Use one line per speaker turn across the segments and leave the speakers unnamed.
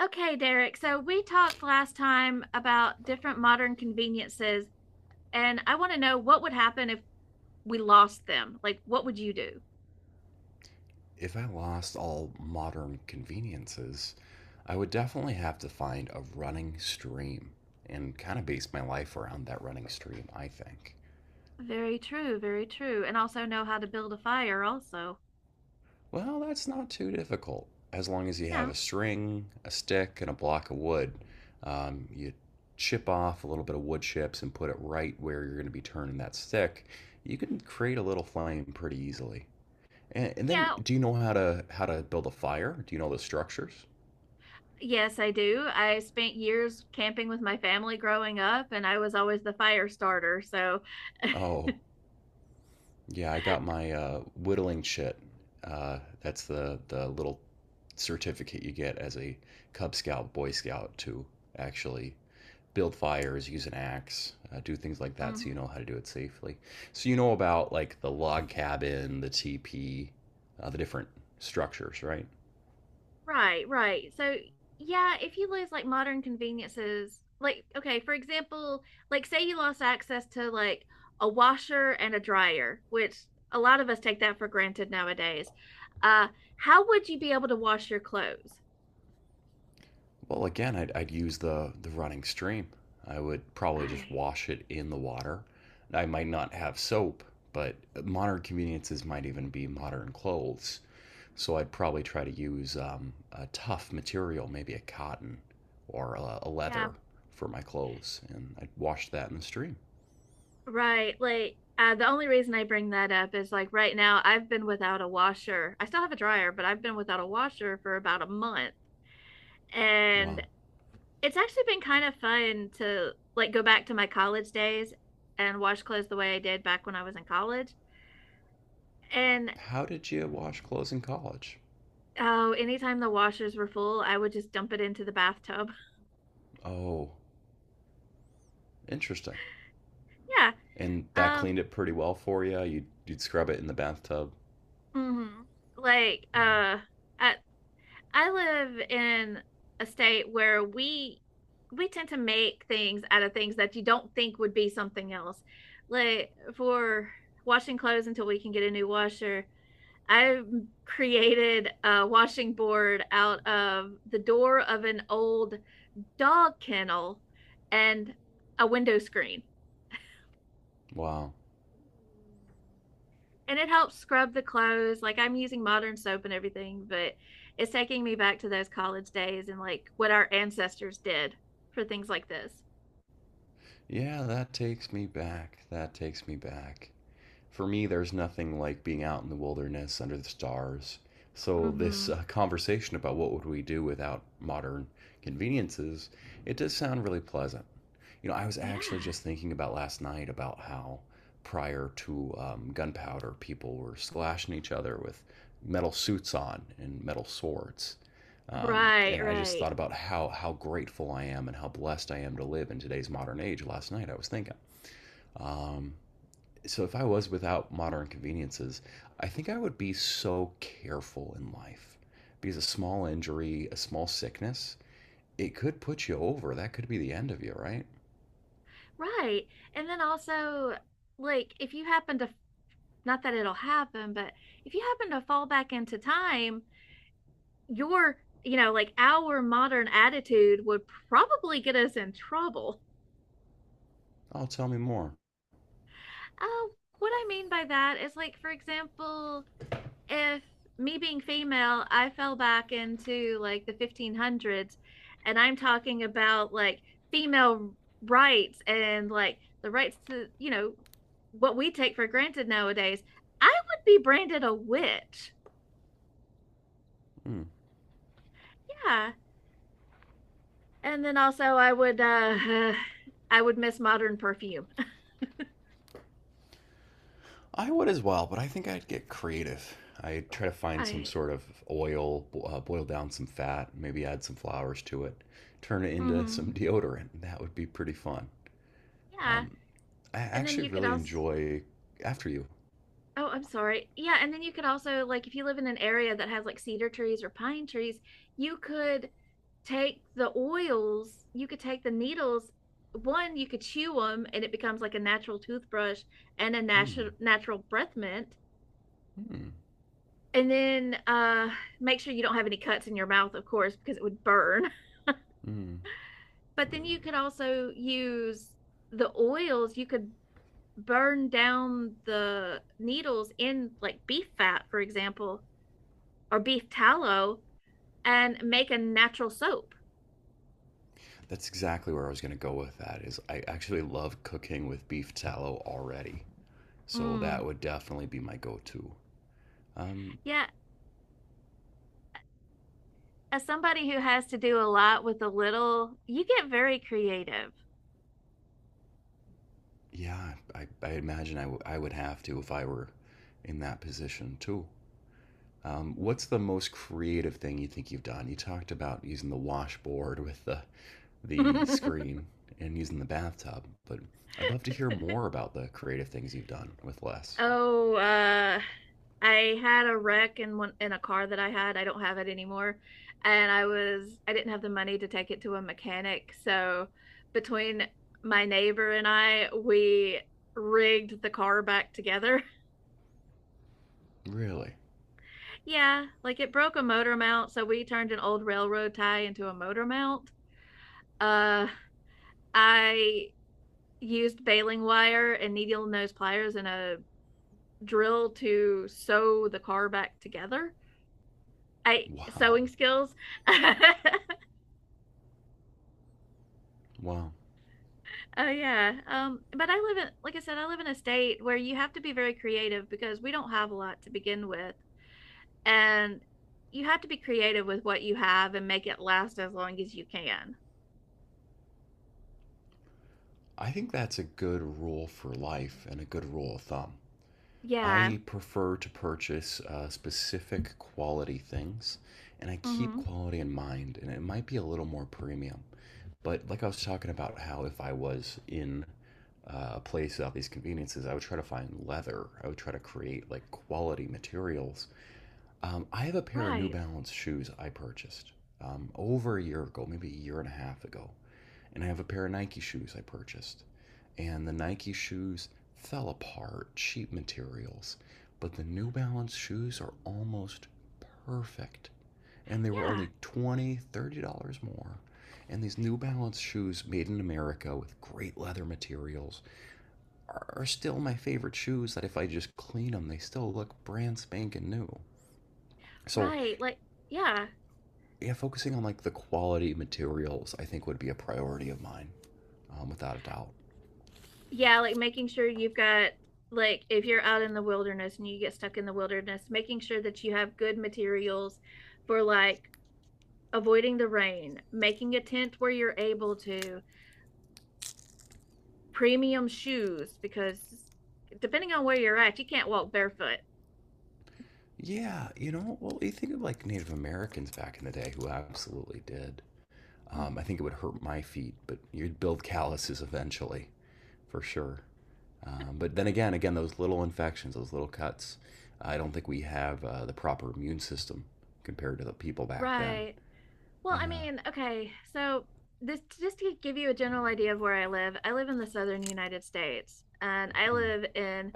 Okay, Derek. So we talked last time about different modern conveniences, and I want to know what would happen if we lost them. Like, what would you do?
If I lost all modern conveniences, I would definitely have to find a running stream and kind of base my life around that running stream, I think.
Very true, very true. And also know how to build a fire, also.
Well, that's not too difficult. As long as you have a
No.
string, a stick, and a block of wood, you chip off a little bit of wood chips and put it right where you're going to be turning that stick, you can create a little flame pretty easily. And then,
Yeah.
do you know how to build a fire? Do you know the structures?
Yes, I do. I spent years camping with my family growing up, and I was always the fire starter. So,
Oh, yeah, I got my whittling chit. That's the little certificate you get as a Cub Scout, Boy Scout to actually build fires, use an axe, do things like that, so
mhm.
you know how to do it safely. So you know about like the log cabin, the teepee, the different structures, right?
Right, right. So, yeah, if you lose like modern conveniences, like, okay, for example, like say you lost access to like a washer and a dryer, which a lot of us take that for granted nowadays. Uh, how would you be able to wash your clothes?
Well, again, I'd use the running stream. I would probably just
Right.
wash it in the water. I might not have soap, but modern conveniences might even be modern clothes. So I'd probably try to use a tough material, maybe a cotton or a
Yeah,
leather for my clothes, and I'd wash that in the stream.
right. Like, the only reason I bring that up is like right now I've been without a washer. I still have a dryer, but I've been without a washer for about a month. And
Wow.
it's actually been kind of fun to like go back to my college days and wash clothes the way I did back when I was in college. And
How did you wash clothes in college?
oh, anytime the washers were full, I would just dump it into the bathtub.
Oh, interesting.
Yeah.
And that
Um,
cleaned it pretty well for you. You'd scrub it in the bathtub.
mhm. Like,
Hmm.
I I live in a state where we tend to make things out of things that you don't think would be something else. Like for washing clothes until we can get a new washer, I created a washing board out of the door of an old dog kennel and a window screen.
Wow.
And it helps scrub the clothes. Like I'm using modern soap and everything, but it's taking me back to those college days and like what our ancestors did for things like this.
Yeah, that takes me back. That takes me back. For me, there's nothing like being out in the wilderness under the stars. So this
Hmm.
conversation about what would we do without modern conveniences, it does sound really pleasant. You know, I was actually
Yeah.
just thinking about last night about how prior to gunpowder, people were slashing each other with metal suits on and metal swords. Um,
Right,
and I just
right,
thought about how grateful I am and how blessed I am to live in today's modern age. Last night I was thinking, um, so if I was without modern conveniences, I think I would be so careful in life because a small injury, a small sickness, it could put you over. That could be the end of you, right?
right. And then also, like, if you happen to, not that it'll happen, but if you happen to fall back into time, your you know like our modern attitude would probably get us in trouble.
Oh, tell me more.
uh, what I mean by that is like for example if me being female I fell back into like the 1500s and I'm talking about like female rights and like the rights to you know what we take for granted nowadays, I would be branded a witch.
Hmm.
Yeah. And then also I would I would miss modern perfume.
I would as well, but I think I'd get creative. I'd try to find some
I,
sort of oil, boil down some fat, maybe add some flowers to it, turn it into some
Mm-hmm.
deodorant. That would be pretty fun.
Yeah.
Um, I
And then
actually
you could
really
also,
enjoy after you.
oh, I'm sorry. Yeah. And then you could also, like, if you live in an area that has like cedar trees or pine trees, you could take the oils, you could take the needles. One, you could chew them and it becomes like a natural toothbrush and a
Hmm.
natural breath mint.
Hmm.
And then make sure you don't have any cuts in your mouth, of course, because it would burn.
Hmm.
But then you could also use the oils. You could burn down the needles in like beef fat, for example, or beef tallow and make a natural soap.
That's exactly where I was going to go with that. Is I actually love cooking with beef tallow already, so
Mm.
that would definitely be my go-to. Um,
Yeah. As somebody who has to do a lot with a little, you get very creative.
yeah, I imagine I would have to if I were in that position too. What's the most creative thing you think you've done? You talked about using the washboard with the screen and using the bathtub, but I'd love to hear more about the creative things you've done with less.
Oh, I had a wreck in one in a car that I had. I don't have it anymore. And I was I didn't have the money to take it to a mechanic. So between my neighbor and I, we rigged the car back together.
Really?
Yeah, like it broke a motor mount, so we turned an old railroad tie into a motor mount. Uh I used baling wire and needle nose pliers and a drill to sew the car back together. I
Wow.
sewing skills.
Wow.
Oh yeah. But I live in, like I said, I live in a state where you have to be very creative because we don't have a lot to begin with. And you have to be creative with what you have and make it last as long as you can.
I think that's a good rule for life and a good rule of thumb.
Yeah.
I prefer to purchase specific quality things and I keep
Mm-hmm.
quality in mind, and it might be a little more premium. But like I was talking about, how if I was in a place of these conveniences, I would try to find leather. I would try to create like quality materials. I have a pair of New
Right.
Balance shoes I purchased over a year ago, maybe a year and a half ago, and I have a pair of Nike shoes I purchased. And the Nike shoes fell apart, cheap materials, but the New Balance shoes are almost perfect. And they were
Yeah.
only 20, $30 more. And these New Balance shoes made in America with great leather materials are still my favorite shoes that if I just clean them, they still look brand spanking new. So,
Right. Like, yeah.
yeah, focusing on like the quality materials, I think would be a priority of mine, without a doubt.
Yeah, like making sure you've got like if you're out in the wilderness and you get stuck in the wilderness, making sure that you have good materials for like avoiding the rain, making a tent where you're able to premium shoes because depending on where you're at, you can't walk barefoot.
Yeah, you know, well, you think of like Native Americans back in the day who absolutely did.
Mhm.
I think it would hurt my feet, but you'd build calluses eventually, for sure. But then again, again, those little infections, those little cuts, I don't think we have the proper immune system compared to the people back then.
Right. Well, I
Yeah.
mean, okay. So this just to give you a general idea of where I live. I live in the southern United States, and I
Mm,
live in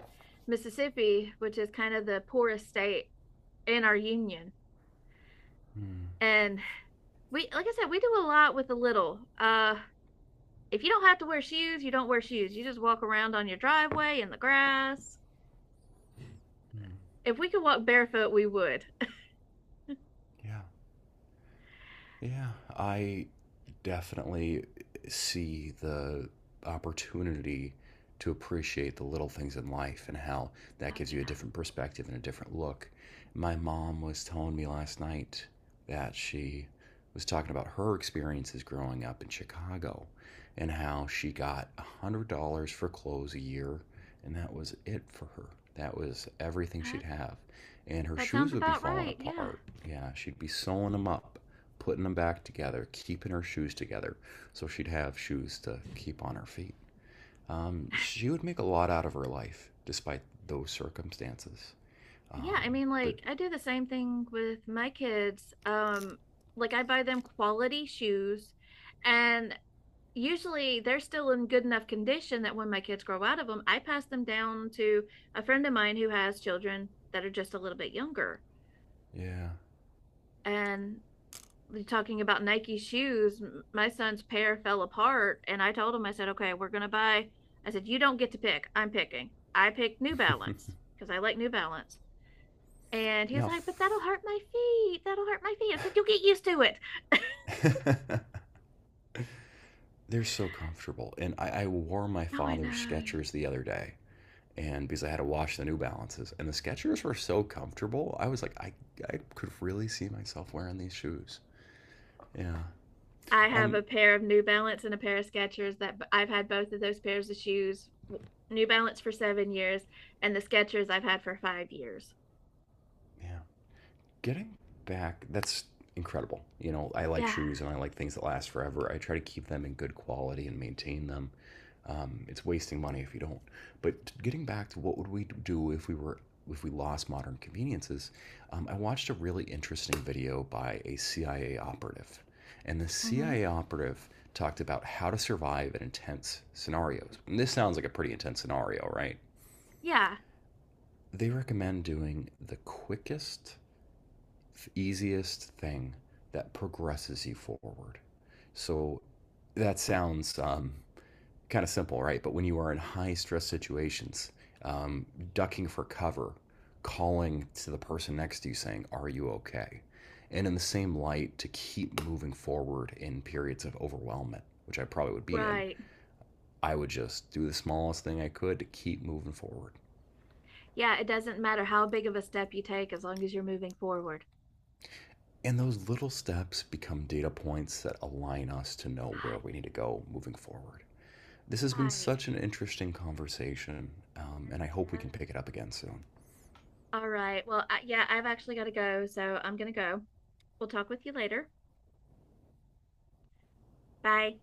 Mississippi, which is kind of the poorest state in our union.
mm,
And we, like I said, we do a lot with a little. If you don't have to wear shoes, you don't wear shoes. You just walk around on your driveway in the grass.
mm.
If we could walk barefoot, we would.
Yeah. Yeah, I definitely see the opportunity to appreciate the little things in life and how
Oh
that gives you a
yeah.
different perspective and a different look. My mom was telling me last night that she was talking about her experiences growing up in Chicago and how she got $100 for clothes a year, and that was it for her. That was everything she'd have and her
That sounds
shoes would be
about
falling
right. Yeah.
apart. Yeah, she'd be sewing them up, putting them back together, keeping her shoes together so she'd have shoes to keep on her feet. She would make a lot out of her life despite those circumstances.
Yeah, I
Um,
mean
but
like I do the same thing with my kids. Like I buy them quality shoes and usually they're still in good enough condition that when my kids grow out of them, I pass them down to a friend of mine who has children that are just a little bit younger.
yeah.
And talking about Nike shoes, my son's pair fell apart and I told him I said, "Okay, we're going to buy." I said, "You don't get to pick. I'm picking." I picked New Balance because I like New Balance. And he was
Now,
like, but that'll hurt my feet. That'll hurt my feet. I said, you'll get used to it. Oh,
f- they're so comfortable. And I wore my
I
father's
know.
Skechers the other day. And because I had to wash the New Balances, and the Skechers were so comfortable, I was like, I could really see myself wearing these shoes. Yeah.
I have
Um.
a pair of New Balance and a pair of Skechers that I've had both of those pairs of shoes. New Balance for 7 years and the Skechers I've had for 5 years.
Yeah. Getting back, that's incredible. You know, I like
Yeah.
shoes and I like things that last forever. I try to keep them in good quality and maintain them. It's wasting money if you don't. But getting back to what would we do if we were if we lost modern conveniences, I watched a really interesting video by a CIA operative, and the
Mm-hmm.
CIA operative talked about how to survive in intense scenarios. And this sounds like a pretty intense scenario, right?
Yeah.
They recommend doing the quickest easiest thing that progresses you forward. So that sounds kind of simple, right? But when you are in high stress situations, um, ducking for cover, calling to the person next to you saying, Are you okay? And in the same light, to keep moving forward in periods of overwhelmment, which I probably would be in,
Right.
I would just do the smallest thing I could to keep moving forward.
Yeah. It doesn't matter how big of a step you take as long as you're moving forward.
And those little steps become data points that align us to know where we need to go moving forward. This has been
Right. Right.
such an interesting conversation,
Yes,
and I hope
it
we can
is.
pick it up again soon.
All right. Well, I, yeah, I've actually got to go. So I'm going to go. We'll talk with you later. Bye.